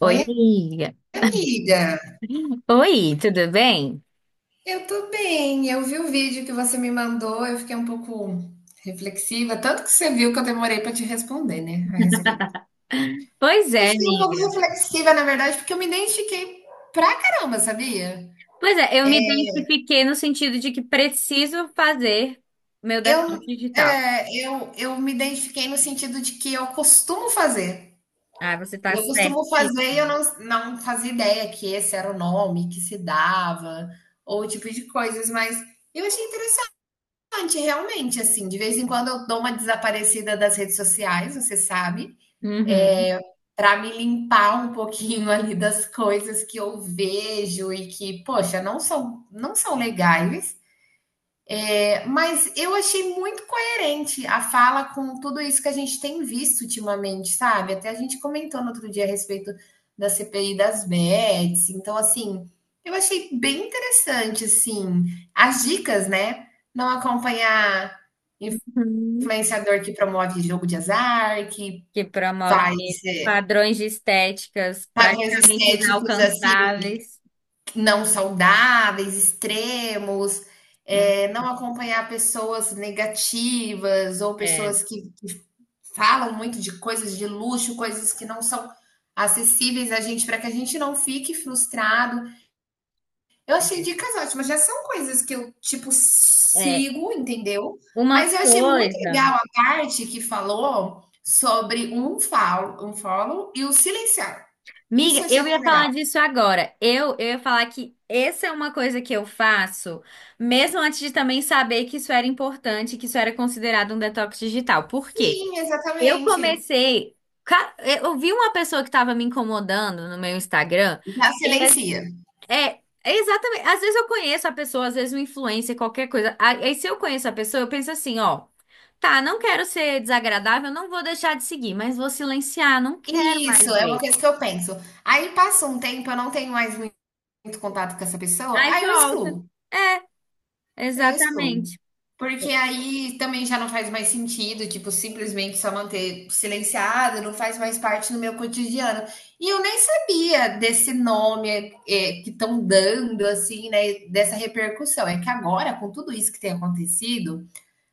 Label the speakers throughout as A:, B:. A: Oi,
B: Oi,
A: amiga.
B: amiga.
A: Oi, tudo bem?
B: Eu tô bem. Eu vi o vídeo que você me mandou, eu fiquei um pouco reflexiva, tanto que você viu que eu demorei para te responder, né, a respeito.
A: Pois
B: Eu
A: é,
B: fiquei um pouco
A: amiga.
B: reflexiva, na verdade, porque eu me identifiquei pra caramba, sabia?
A: Pois é, eu me identifiquei no sentido de que preciso fazer meu
B: Eu,
A: detox digital.
B: eu me identifiquei no sentido de que eu costumo fazer.
A: Ah, você tá
B: Eu costumo fazer e eu
A: certíssima.
B: não fazia ideia que esse era o nome que se dava, ou o tipo de coisas, mas eu achei realmente, assim, de vez em quando eu dou uma desaparecida das redes sociais, você sabe,
A: Uhum.
B: eh, pra me limpar um pouquinho ali das coisas que eu vejo e que, poxa, não são legais, mas eu achei muito coerente a fala com tudo isso que a gente tem visto ultimamente, sabe. Até a gente comentou no outro dia a respeito da CPI das Bets, então, assim, eu achei bem interessante, assim, as dicas, né, não acompanhar
A: Uhum.
B: influenciador que promove jogo de azar, que
A: Que promove
B: faz é,
A: padrões de estéticas
B: padrões
A: praticamente
B: estéticos assim
A: inalcançáveis.
B: não saudáveis, extremos,
A: Hum,
B: não acompanhar pessoas negativas ou
A: É,
B: pessoas que falam muito de coisas de luxo, coisas que não são acessíveis a gente, para que a gente não fique frustrado. Eu achei dicas ótimas, já são coisas que eu, tipo,
A: é.
B: sigo, entendeu.
A: Uma
B: Mas eu achei muito
A: coisa.
B: legal a parte que falou sobre um follow e o silenciar. Isso
A: Miga,
B: eu achei
A: eu
B: muito
A: ia
B: legal.
A: falar disso agora. Eu ia falar que essa é uma coisa que eu faço, mesmo antes de também saber que isso era importante, que isso era considerado um detox digital. Por quê?
B: Sim,
A: Eu
B: exatamente.
A: comecei. Eu vi uma pessoa que estava me incomodando no meu Instagram.
B: Já
A: E é,
B: silencia.
A: é exatamente. Às vezes eu conheço a pessoa, às vezes um influencer, qualquer coisa. Aí se eu conheço a pessoa, eu penso assim, ó. Tá, não quero ser desagradável, não vou deixar de seguir, mas vou silenciar, não quero mais
B: Isso, é uma
A: ver.
B: coisa que eu penso. Aí passa um tempo, eu não tenho mais muito contato com essa pessoa,
A: Aí
B: aí eu
A: volta.
B: excluo,
A: É,
B: eu excluo.
A: exatamente.
B: Porque aí também já não faz mais sentido, tipo, simplesmente só manter silenciado, não faz mais parte do meu cotidiano. E eu nem sabia desse nome que estão dando, assim, né, dessa repercussão. É que agora, com tudo isso que tem acontecido,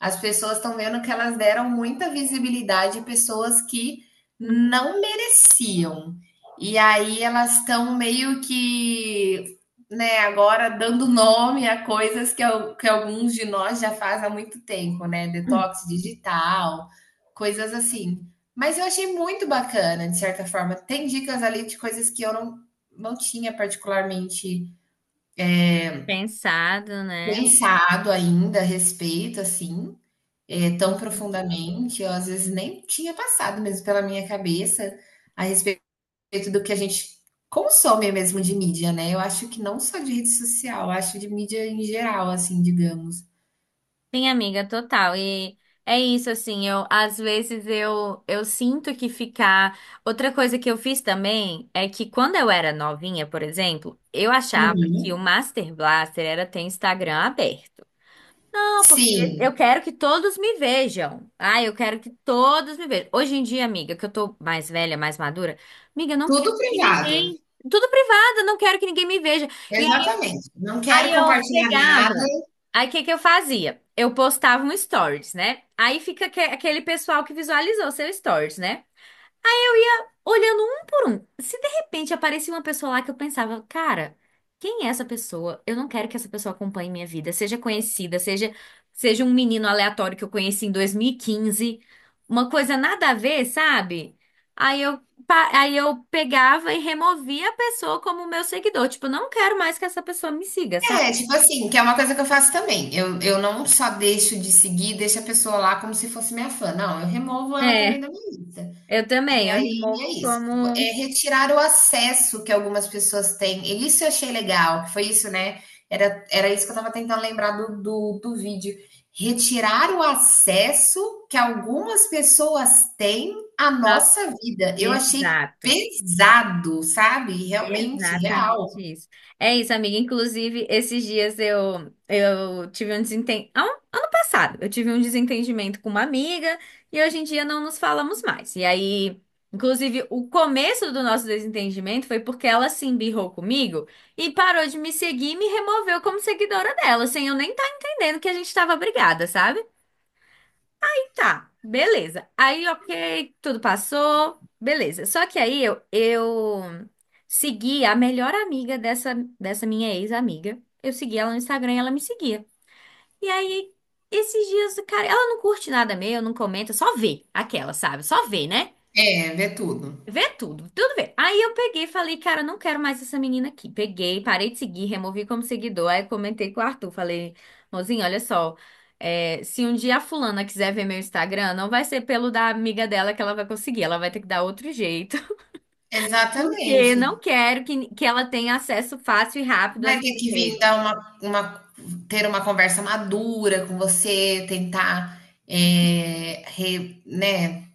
B: as pessoas estão vendo que elas deram muita visibilidade a pessoas que não mereciam. E aí elas estão meio que, né, agora dando nome a coisas que alguns de nós já faz há muito tempo, né? Detox digital, coisas assim. Mas eu achei muito bacana, de certa forma. Tem dicas ali de coisas que eu não tinha particularmente
A: Pensado, né?
B: pensado ainda a respeito, assim, tão profundamente, eu às vezes nem tinha passado mesmo pela minha cabeça a respeito do que a gente consome mesmo de mídia, né? Eu acho que não só de rede social, eu acho de mídia em geral, assim, digamos.
A: Sim, amiga, total. E é isso, assim, eu às vezes eu sinto que ficar. Outra coisa que eu fiz também é que quando eu era novinha, por exemplo, eu achava que o
B: Uhum.
A: Master Blaster era ter Instagram aberto. Não, porque
B: Sim,
A: eu quero que todos me vejam. Ah, eu quero que todos me vejam. Hoje em dia, amiga, que eu tô mais velha, mais madura, amiga, eu não quero
B: tudo
A: que
B: privado.
A: ninguém. Tudo privado, eu não quero que ninguém me veja. E aí,
B: Exatamente. Não
A: aí
B: quero
A: eu
B: compartilhar nada.
A: pegava. Aí o que que eu fazia? Eu postava um stories, né? Aí fica aquele pessoal que visualizou seu stories, né? Ia olhando um por um. Se de repente aparecia uma pessoa lá que eu pensava, cara, quem é essa pessoa? Eu não quero que essa pessoa acompanhe minha vida, seja conhecida, seja um menino aleatório que eu conheci em 2015, uma coisa nada a ver, sabe? Aí eu aí eu pegava e removia a pessoa como meu seguidor, tipo, não quero mais que essa pessoa me siga, sabe?
B: É, tipo assim, que é uma coisa que eu faço também. Eu não só deixo de seguir, deixo a pessoa lá como se fosse minha fã. Não, eu removo ela também
A: É,
B: da minha lista.
A: eu
B: E
A: também, eu
B: aí é
A: removo
B: isso, tipo, é
A: como
B: retirar o acesso que algumas pessoas têm. E isso eu achei legal, que foi isso, né? Era isso que eu estava tentando lembrar do vídeo. Retirar o acesso que algumas pessoas têm à
A: Ah,
B: nossa vida. Eu achei
A: exato.
B: pesado, sabe? Realmente,
A: Exatamente
B: real.
A: isso. É isso, amiga. Inclusive, esses dias eu tive um desentendimento. Ano passado, eu tive um desentendimento com uma amiga e hoje em dia não nos falamos mais. E aí, inclusive, o começo do nosso desentendimento foi porque ela se embirrou comigo e parou de me seguir e me removeu como seguidora dela, sem eu nem estar entendendo que a gente estava brigada, sabe? Tá, beleza. Aí, ok, tudo passou, beleza. Só que aí eu segui a melhor amiga dessa minha ex-amiga. Eu segui ela no Instagram e ela me seguia. E aí, esses dias, cara, ela não curte nada meu, não comenta, só vê aquela, sabe? Só vê, né?
B: É, vê tudo.
A: Vê tudo, tudo vê. Aí eu peguei e falei, cara, eu não quero mais essa menina aqui. Peguei, parei de seguir, removi como seguidor. Aí comentei com o Arthur, falei, mozinho, olha só, é, se um dia a fulana quiser ver meu Instagram, não vai ser pelo da amiga dela que ela vai conseguir, ela vai ter que dar outro jeito. Porque
B: Exatamente.
A: não quero que ela tenha acesso fácil e rápido
B: Vai
A: às
B: ter
A: minhas
B: que vir
A: redes.
B: dar uma ter uma conversa madura com você, tentar, eh, re né,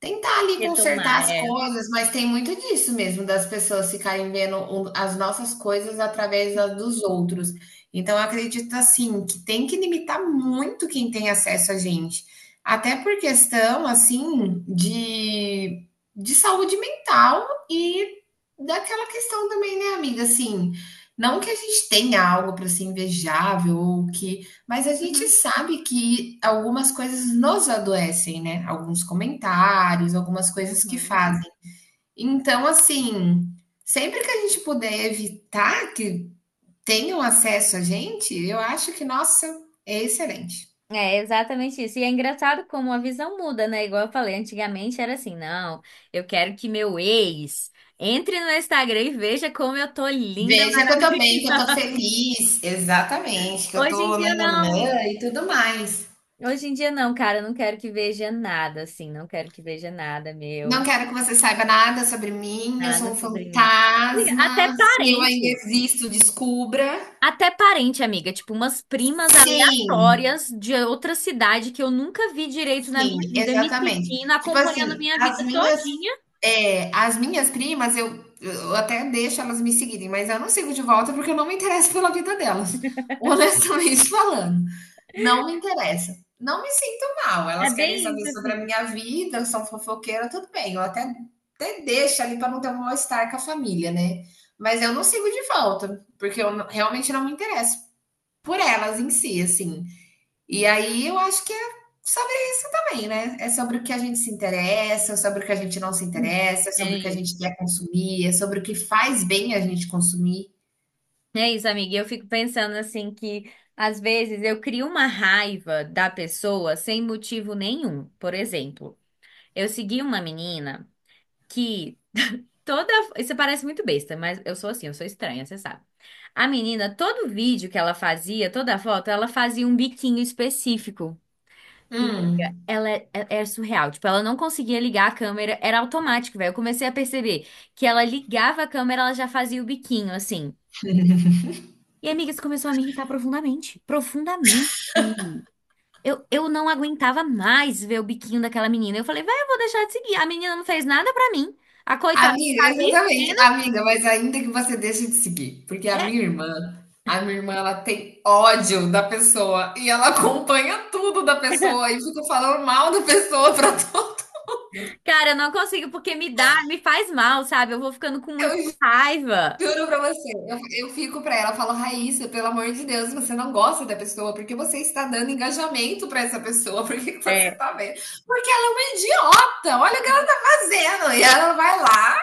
B: tentar ali
A: Retomar,
B: consertar as
A: é.
B: coisas, mas tem muito disso mesmo, das pessoas ficarem vendo o as nossas coisas através das dos outros. Então eu acredito, assim, que tem que limitar muito quem tem acesso a gente, até por questão, assim, de saúde mental e daquela questão também, né, amiga, assim, não que a gente tenha algo para ser invejável ou que, mas a gente
A: Uhum,
B: sabe que algumas coisas nos adoecem, né? Alguns comentários, algumas coisas que
A: uhum.
B: fazem. Então, assim, sempre que a gente puder evitar que tenham acesso a gente, eu acho que, nossa, é excelente.
A: É exatamente isso. E é engraçado como a visão muda, né? Igual eu falei, antigamente era assim, não, eu quero que meu ex entre no Instagram e veja como eu tô linda.
B: Veja que eu
A: Mas
B: tô bem, que eu tô feliz, exatamente, que eu
A: hoje em
B: tô
A: dia não.
B: nananã e tudo mais.
A: Hoje em dia não, cara, eu não quero que veja nada, assim, não quero que veja nada
B: Não
A: meu,
B: quero que você saiba nada sobre mim, eu sou
A: nada
B: um
A: sobre mim. Amiga, até
B: fantasma. Se eu ainda
A: parente,
B: existo, descubra.
A: até parente, amiga, tipo umas primas
B: Sim,
A: aleatórias de outra cidade que eu nunca vi direito na minha
B: sim,
A: vida, me
B: exatamente.
A: seguindo,
B: Tipo
A: acompanhando
B: assim,
A: minha
B: as
A: vida
B: minhas,
A: todinha.
B: as minhas primas, eu até deixo elas me seguirem, mas eu não sigo de volta porque eu não me interesso pela vida delas, honestamente falando. Não me interessa. Não me sinto mal.
A: É
B: Elas querem
A: bem
B: saber
A: isso,
B: sobre a
A: assim.
B: minha vida, são fofoqueiras, tudo bem. Eu até, até deixo ali para não ter um mal-estar com a família, né? Mas eu não sigo de volta, porque eu não- realmente não me interesso por elas em si, assim. E aí eu acho que é sobre isso também, né? É sobre o que a gente se interessa, é sobre o que a gente não se
A: Hum.
B: interessa, é sobre
A: É
B: o que a gente
A: isso.
B: quer consumir, é sobre o que faz bem a gente consumir.
A: É isso, amiga. E eu fico pensando assim que às vezes eu crio uma raiva da pessoa sem motivo nenhum. Por exemplo, eu segui uma menina que toda. Isso parece muito besta, mas eu sou assim, eu sou estranha, você sabe. A menina, todo vídeo que ela fazia, toda foto, ela fazia um biquinho específico. E, amiga,
B: Hum.
A: ela é, é surreal. Tipo, ela não conseguia ligar a câmera, era automático, velho. Eu comecei a perceber que ela ligava a câmera, ela já fazia o biquinho, assim. E, amiga, isso começou a me irritar profundamente. Profundamente. Eu não aguentava mais ver o biquinho daquela menina. Eu falei, vai, eu vou deixar de seguir. A menina não fez nada pra mim. A coitada
B: Amiga,
A: tá
B: exatamente,
A: vivendo.
B: amiga, mas ainda que você deixe de seguir, porque
A: É,
B: a minha irmã, ela tem ódio da pessoa e ela acompanha tudo da pessoa e fica falando mal da pessoa pra todo.
A: cara, eu não consigo porque me dá, me faz mal, sabe? Eu vou ficando com muita
B: Eu
A: raiva.
B: Juro pra você, eu fico pra ela, eu falo, Raíssa, pelo amor de Deus, você não gosta da pessoa, porque você está dando engajamento pra essa pessoa, por que que você
A: É.
B: tá vendo? Porque ela é uma idiota, olha o que ela tá fazendo. E ela vai lá,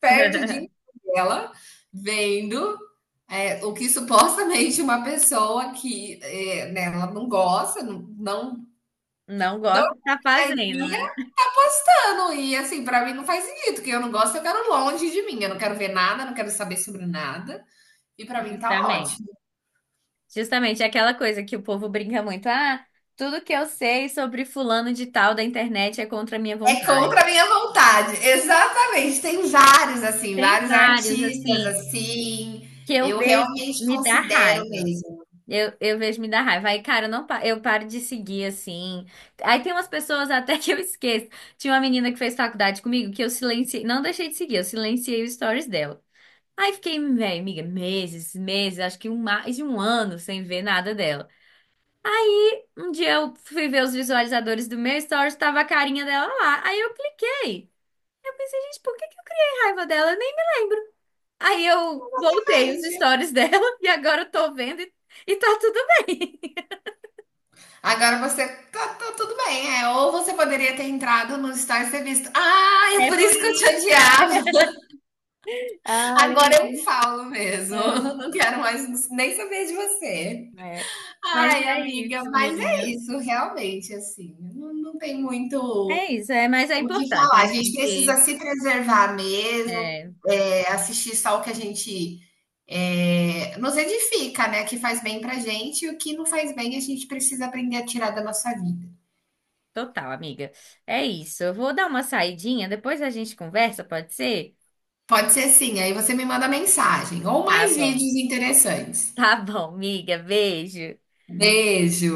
B: perde o dia inteiro dela, vendo o que supostamente uma pessoa que é, né, ela não gosta,
A: Não
B: não
A: gosto de tá fazendo,
B: queria,
A: né?
B: tá postando. E assim, pra mim não faz sentido, que eu não gosto, eu quero longe de mim, eu não quero ver nada, não quero saber sobre nada. E para mim tá
A: Justamente.
B: ótimo.
A: Justamente é aquela coisa que o povo brinca muito. Ah, tudo que eu sei sobre fulano de tal da internet é contra a minha
B: É contra
A: vontade.
B: a minha vontade. Exatamente. Tem vários, assim,
A: Tem
B: vários
A: vários,
B: artistas,
A: assim.
B: assim.
A: Que eu
B: Eu
A: vejo
B: realmente
A: me dá
B: considero
A: raiva.
B: mesmo.
A: Eu vejo me dá raiva. Aí, cara, eu não, eu paro de seguir assim. Aí tem umas pessoas até que eu esqueço. Tinha uma menina que fez faculdade comigo que eu silenciei, não deixei de seguir, eu silenciei os stories dela. Aí fiquei, velho, amiga, meses, meses, acho que um, mais de um ano sem ver nada dela. Um dia eu fui ver os visualizadores do meu stories, tava a carinha dela lá. Aí eu cliquei. Eu pensei, gente, por que que eu criei raiva dela? Eu nem me lembro. Aí eu voltei os
B: Entende?
A: stories dela e agora eu tô vendo e tá tudo bem.
B: Agora você tá tudo bem, é. Ou você poderia ter entrado no Stories e ter visto. Ah, é
A: É
B: por
A: por
B: isso que eu te
A: isso, é.
B: odiava.
A: Ah,
B: Agora eu
A: lembrei.
B: falo mesmo.
A: É.
B: Não quero mais nem saber de você.
A: É. Mas
B: Ai,
A: é
B: amiga,
A: isso,
B: mas
A: amiga.
B: é isso, realmente, assim. Não, não tem muito
A: É isso, é, mas é
B: o que
A: importante a
B: falar? A gente precisa
A: gente.
B: se preservar mesmo,
A: É,
B: é, assistir só o que a gente nos edifica, né? Que faz bem pra gente e o que não faz bem a gente precisa aprender a tirar da nossa vida.
A: total, amiga. É isso. Eu vou dar uma saidinha, depois a gente conversa, pode ser?
B: Pode ser sim, aí você me manda mensagem ou
A: Tá
B: mais
A: bom.
B: vídeos interessantes.
A: Tá bom, amiga. Beijo.
B: Beijo!